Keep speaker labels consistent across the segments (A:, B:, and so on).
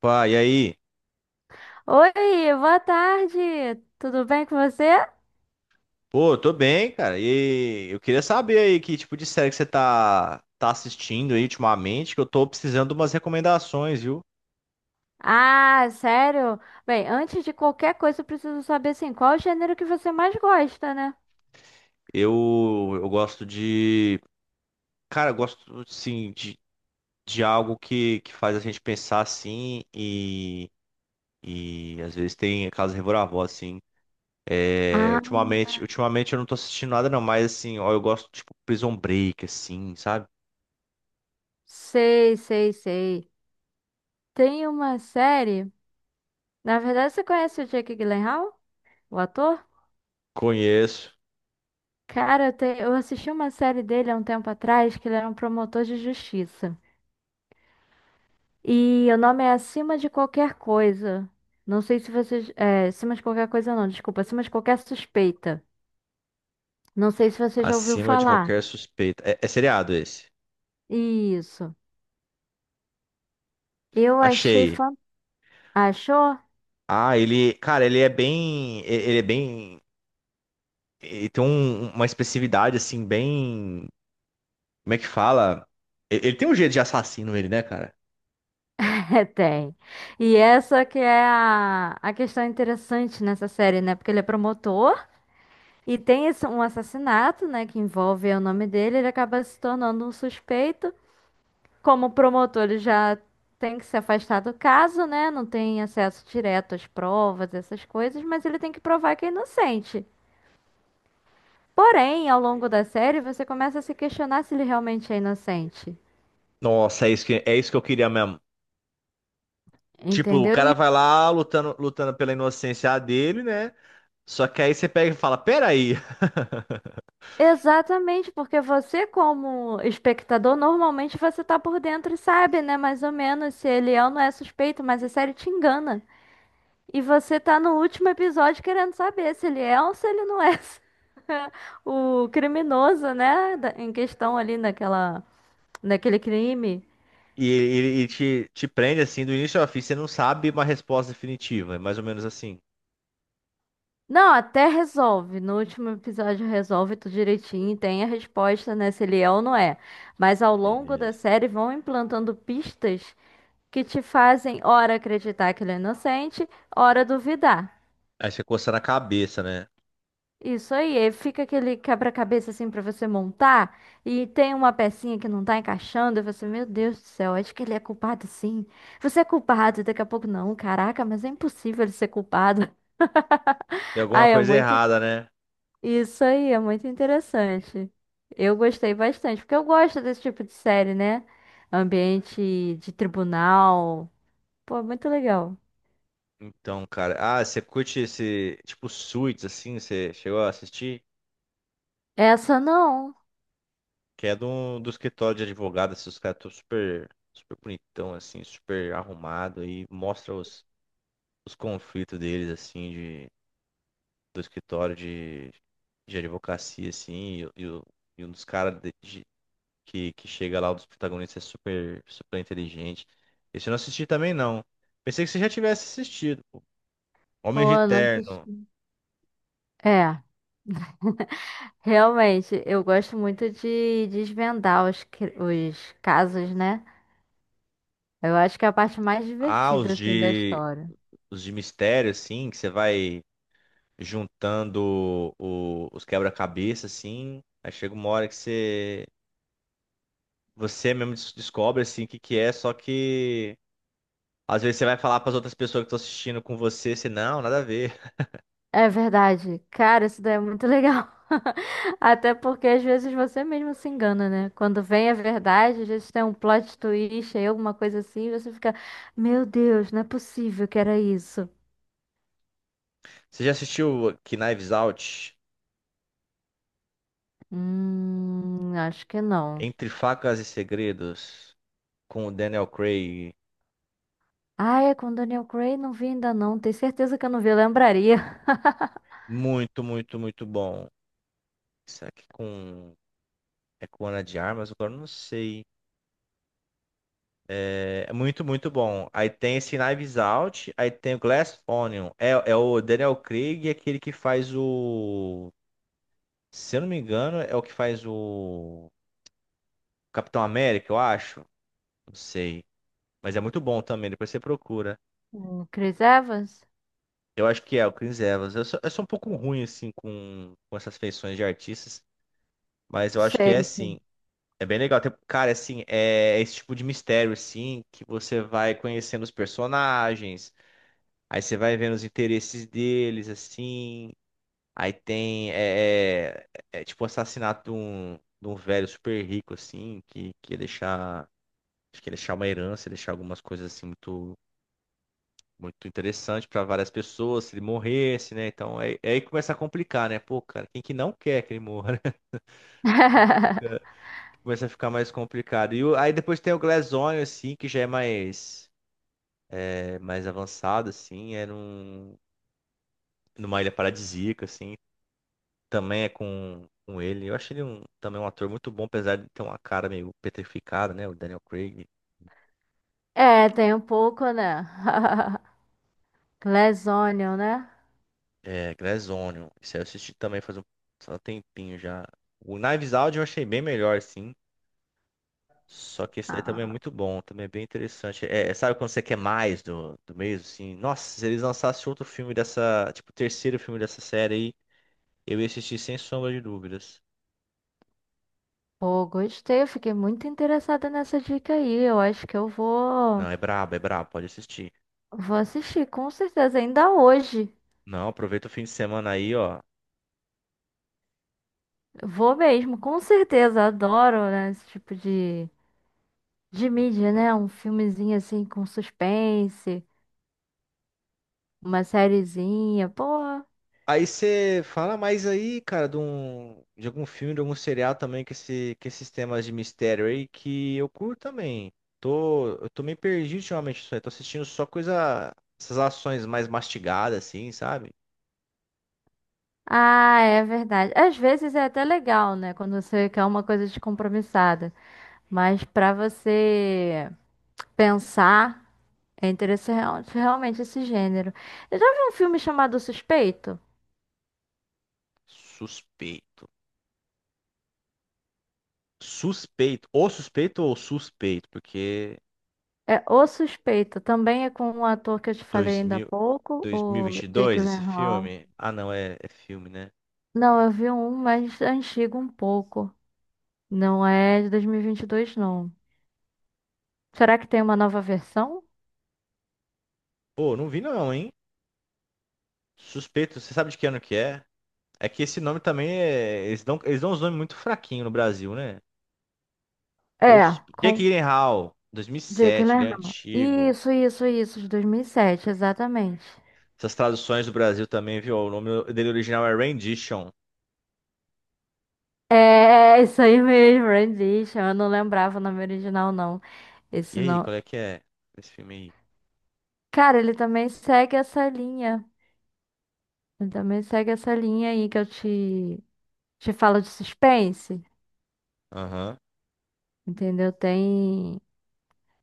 A: Pá, e aí?
B: Oi, boa tarde. Tudo bem com você?
A: Pô, tô bem, cara. E eu queria saber aí que tipo de série que você tá, assistindo aí ultimamente, que eu tô precisando de umas recomendações, viu?
B: Ah, sério? Bem, antes de qualquer coisa, eu preciso saber assim, qual é o gênero que você mais gosta, né?
A: Eu gosto de. Cara, eu gosto, assim, de algo que faz a gente pensar assim e às vezes tem aquelas reviravoltas, assim. É,
B: Ah,
A: ultimamente, ultimamente eu não tô assistindo nada, não, mas assim, ó, eu gosto, tipo, Prison Break, assim, sabe?
B: sei, sei, sei. Tem uma série. Na verdade, você conhece o Jake Gyllenhaal, o ator?
A: Conheço
B: Cara, eu assisti uma série dele há um tempo atrás, que ele era um promotor de justiça. E o nome é Acima de Qualquer Coisa. Não sei se vocês. É, acima de qualquer coisa, não, desculpa. Acima de qualquer suspeita. Não sei se você já ouviu
A: acima de
B: falar.
A: qualquer suspeita. É, é seriado esse?
B: Isso. Eu achei
A: Achei.
B: fantástico. Achou?
A: Ah, ele, cara, ele é bem, ele é bem, ele tem uma expressividade assim bem, como é que fala? Ele tem um jeito de assassino ele, né, cara?
B: É, tem. E essa que é a questão interessante nessa série, né? Porque ele é promotor e tem esse- um assassinato, né? Que envolve o nome dele. Ele acaba se tornando um suspeito. Como promotor, ele já tem que se afastar do caso, né? Não tem acesso direto às provas, essas coisas, mas ele tem que provar que é inocente. Porém, ao longo da série, você começa a se questionar se ele realmente é inocente.
A: Nossa, é isso que eu queria mesmo. Tipo, o
B: Entendeu? E
A: cara vai lá lutando, lutando pela inocência dele, né? Só que aí você pega e fala, peraí.
B: exatamente, porque você, como espectador, normalmente você tá por dentro e sabe, né? Mais ou menos se ele é ou não é suspeito, mas a série te engana. E você tá no último episódio querendo saber se ele é ou se ele não é o criminoso, né? da- Em questão ali naquela, naquele crime.
A: E ele te, te prende assim do início ao fim, você não sabe uma resposta definitiva, é mais ou menos assim.
B: Não, até resolve. No último episódio resolve tudo direitinho, tem a resposta, né? Se ele é ou não é. Mas ao longo da
A: Beleza.
B: série vão implantando pistas, que te fazem ora acreditar que ele é inocente, ora duvidar.
A: Aí você coça na cabeça, né?
B: Isso aí, aí fica aquele quebra-cabeça assim pra você montar e tem uma pecinha que não tá encaixando e você, meu Deus do céu, acho que ele é culpado sim. Você é culpado, e daqui a pouco não, caraca, mas é impossível ele ser culpado.
A: Tem
B: Ah,
A: alguma
B: é
A: coisa
B: muito
A: errada, né?
B: isso aí, é muito interessante. Eu gostei bastante, porque eu gosto desse tipo de série, né? Ambiente de tribunal. Pô, muito legal.
A: Então, cara. Ah, você curte esse tipo Suits, assim? Você chegou a assistir?
B: Essa não.
A: Que é do, do escritório de advogado. Assim, os caras estão super, super bonitão, assim, super arrumado. E mostra os conflitos deles, assim, de, do escritório de advocacia, assim. E, e um dos caras que chega lá, um dos protagonistas, é super, super inteligente. Esse eu não assisti também, não. Pensei que você já tivesse assistido. Homens de
B: Pô, não
A: Terno.
B: assisti. É, realmente, eu gosto muito de desvendar os, cri- os casos, né? Eu acho que é a parte mais
A: Ah, os
B: divertida, assim, da
A: de.
B: história.
A: Os de mistério, assim, que você vai juntando os quebra-cabeça, assim. Aí chega uma hora que você, você mesmo descobre, assim, o que que é, só que às vezes você vai falar para as outras pessoas que estão assistindo com você, você, não, nada a ver.
B: É verdade. Cara, isso daí é muito legal. Até porque às vezes você mesmo se engana, né? Quando vem a verdade, às vezes tem um plot twist aí, alguma coisa assim, e você fica, meu Deus, não é possível que era isso.
A: Você já assistiu que Knives Out?
B: Acho que não.
A: Entre Facas e Segredos, com o Daniel Craig.
B: Ah, é com Daniel Craig, não vi ainda não. Tenho certeza que eu não vi, eu lembraria.
A: Muito, muito, muito bom. Será que com. É com Ana de Armas? Agora eu não sei. É muito, muito bom. Aí tem esse Knives Out, aí tem o Glass Onion. É, é o Daniel Craig, é aquele que faz o. Se eu não me engano, é o que faz o Capitão América, eu acho. Não sei. Mas é muito bom também, depois você procura.
B: O Chris Evans?
A: Eu acho que é o Chris Evans. Eu sou um pouco ruim, assim, com essas feições de artistas, mas eu acho que é
B: Sei,
A: sim.
B: sim.
A: É bem legal. Cara, assim, é esse tipo de mistério, assim, que você vai conhecendo os personagens. Aí você vai vendo os interesses deles, assim. Aí tem, é, é tipo o assassinato de um velho super rico, assim, que ia deixar, acho que ia deixar uma herança, ia deixar algumas coisas, assim, muito, muito interessante para várias pessoas, se ele morresse, né? Então, aí, aí começa a complicar, né? Pô, cara, quem que não quer que ele morra, né? Começa a ficar mais complicado. Aí depois tem o Glass Onion, assim, que já é mais avançado, assim, é num, numa ilha paradisíaca, assim. Também é com ele. Eu achei ele um, também um ator muito bom, apesar de ter uma cara meio petrificada, né? O Daniel Craig.
B: É, tem um pouco, né? Glazonion, né?
A: É, Glass Onion. Isso aí eu assisti também faz um tempinho já. O Knives Out eu achei bem melhor, sim. Só que esse daí também é
B: Ah,
A: muito bom, também é bem interessante. É, é, sabe quando você quer mais do, do mesmo, assim? Nossa, se eles lançassem outro filme dessa, tipo, o terceiro filme dessa série aí, eu ia assistir sem sombra de dúvidas.
B: pô, gostei. Eu fiquei muito interessada nessa dica aí. Eu acho que eu vou,
A: Não, é brabo, pode assistir.
B: vou assistir, com certeza, ainda hoje.
A: Não, aproveita o fim de semana aí, ó.
B: Vou mesmo, com certeza. Adoro, né, esse tipo de mídia,
A: Então,
B: né? Um filmezinho assim com suspense, uma sériezinha, pô.
A: aí você fala mais aí, cara, de, um, de algum filme, de algum serial também, que, esse, que esses temas de mistério aí, que eu curto também. Tô, eu tô meio perdido ultimamente, isso. Tô assistindo só coisa, essas ações mais mastigadas, assim, sabe?
B: Ah, é verdade. Às vezes é até legal, né? Quando você quer uma coisa descompromissada. Mas para você pensar, é interessante realmente esse gênero. Eu já vi um filme chamado O Suspeito?
A: Suspeito. Suspeito. Ou suspeito ou suspeito, porque
B: É O Suspeito. Também é com um ator que eu te falei ainda há
A: 2000,
B: pouco, o Jake
A: 2022, esse
B: Gyllenhaal.
A: filme. Ah, não, é, é filme, né?
B: Não, eu vi um mais antigo um pouco. Não é de 2022, não. Será que tem uma nova versão?
A: Pô, não vi não, hein? Suspeito, você sabe de que ano que é? É que esse nome também é. Eles dão uns nomes muito fraquinhos no Brasil, né? Osso-
B: É,
A: Jake
B: com
A: Gyllenhaal,
B: Jake
A: 2007, ele é
B: Gyllenhaal.
A: antigo.
B: Isso, de 2007, exatamente.
A: Essas traduções do Brasil também, viu? O nome dele original é Rendition.
B: É, é isso aí mesmo, Rendition. Eu não lembrava o nome original, não.
A: E
B: Esse
A: aí,
B: não.
A: qual é que é esse filme aí?
B: Cara, ele também segue essa linha. Ele também segue essa linha aí que eu te falo de suspense.
A: Aham.
B: Entendeu? Tem.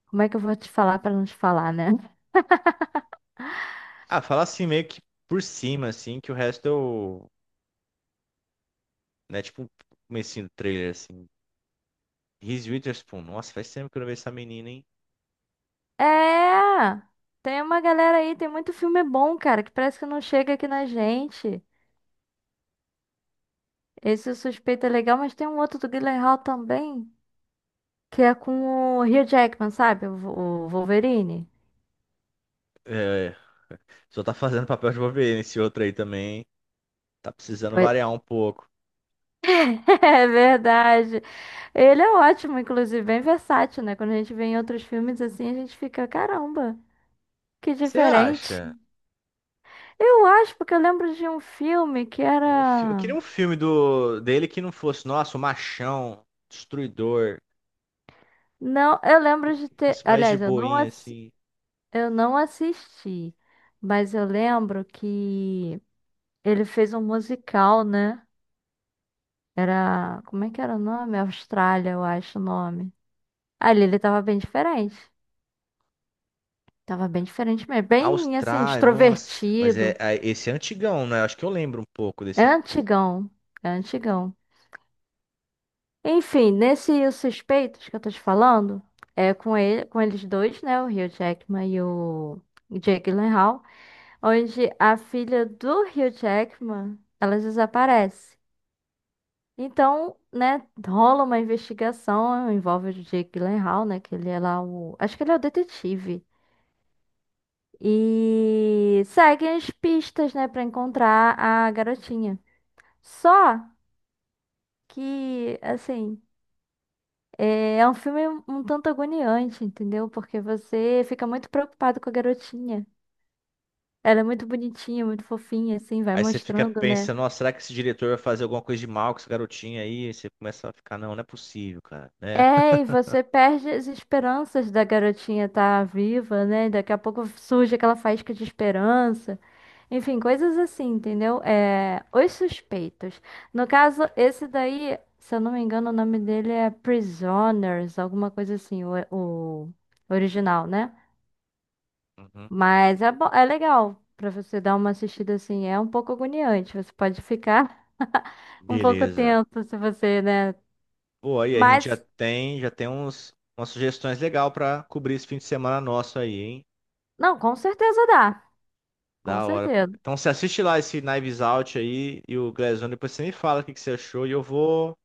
B: Como é que eu vou te falar pra não te falar, né?
A: Ah, fala assim meio que por cima, assim, que o resto eu. Né, tipo um comecinho do trailer, assim. Reese Witherspoon. Nossa, faz tempo que eu não vejo essa menina, hein?
B: É! Tem uma galera aí, tem muito filme bom, cara, que parece que não chega aqui na gente. Esse O Suspeito é legal, mas tem um outro do Guilherme Hall também, que é com o Hugh Jackman, sabe? O Vo- o Wolverine.
A: É, só tá fazendo papel de Wolverine esse outro aí também. Tá precisando variar um pouco.
B: É verdade. Ele é ótimo, inclusive, bem versátil, né? Quando a gente vê em outros filmes assim, a gente fica, caramba, que
A: Você
B: diferente.
A: acha?
B: Eu acho, porque eu lembro de um filme que
A: Eu
B: era.
A: queria um filme do dele que não fosse, nossa, o machão, destruidor,
B: Não, eu
A: que
B: lembro de ter.
A: fosse mais de
B: Aliás,
A: boinha, assim.
B: eu não assisti, mas eu lembro que ele fez um musical, né? Era. Como é que era o nome? Austrália, eu acho o nome. Ali ele tava bem diferente. Tava bem diferente mesmo. Bem, assim,
A: Austrália, nossa. Mas é,
B: extrovertido.
A: esse é antigão, né? Acho que eu lembro um pouco
B: É
A: desse.
B: antigão, é antigão. Enfim, nesse Os Suspeitos que eu tô te falando, é com ele, com eles dois, né, o Hugh Jackman e o Jake Gyllenhaal, onde a filha do Hugh Jackman, ela desaparece. Então, né, rola uma investigação, envolve o Jake Gyllenhaal, né, que ele é lá o, acho que ele é o detetive. E seguem as pistas, né, pra encontrar a garotinha. Só que, assim, é é um filme um tanto agoniante, entendeu? Porque você fica muito preocupado com a garotinha. Ela é muito bonitinha, muito fofinha, assim, vai
A: Aí você fica
B: mostrando, né?
A: pensando, nossa, será que esse diretor vai fazer alguma coisa de mal com esse garotinho aí? Aí você começa a ficar, não, não é possível, cara, né?
B: É, e você perde as esperanças da garotinha estar viva, né? Daqui a pouco surge aquela faísca de esperança. Enfim, coisas assim, entendeu? É, Os Suspeitos. No caso, esse daí, se eu não me engano, o nome dele é Prisoners, alguma coisa assim, o original, né?
A: Uhum.
B: Mas é, bo- é legal pra você dar uma assistida assim. É um pouco agoniante. Você pode ficar um pouco
A: Beleza.
B: tenso se você, né?
A: Pô, aí a gente
B: Mas,
A: já tem uns, umas sugestões legais pra cobrir esse fim de semana nosso aí, hein?
B: não, com certeza dá. Com
A: Da hora, pô.
B: certeza.
A: Então você assiste lá esse Knives Out aí e o Glass Onion, depois você me fala o que que você achou e eu vou.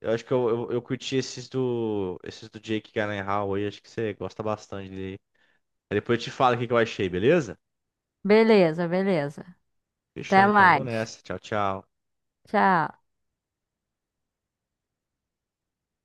A: Eu acho que eu, eu curti esses do. Esses do Jake Gyllenhaal aí, acho que você gosta bastante dele. Aí depois eu te falo o que que eu achei, beleza?
B: Beleza, beleza.
A: Fechou
B: Até
A: então, vou
B: mais.
A: nessa. Tchau, tchau.
B: Tchau.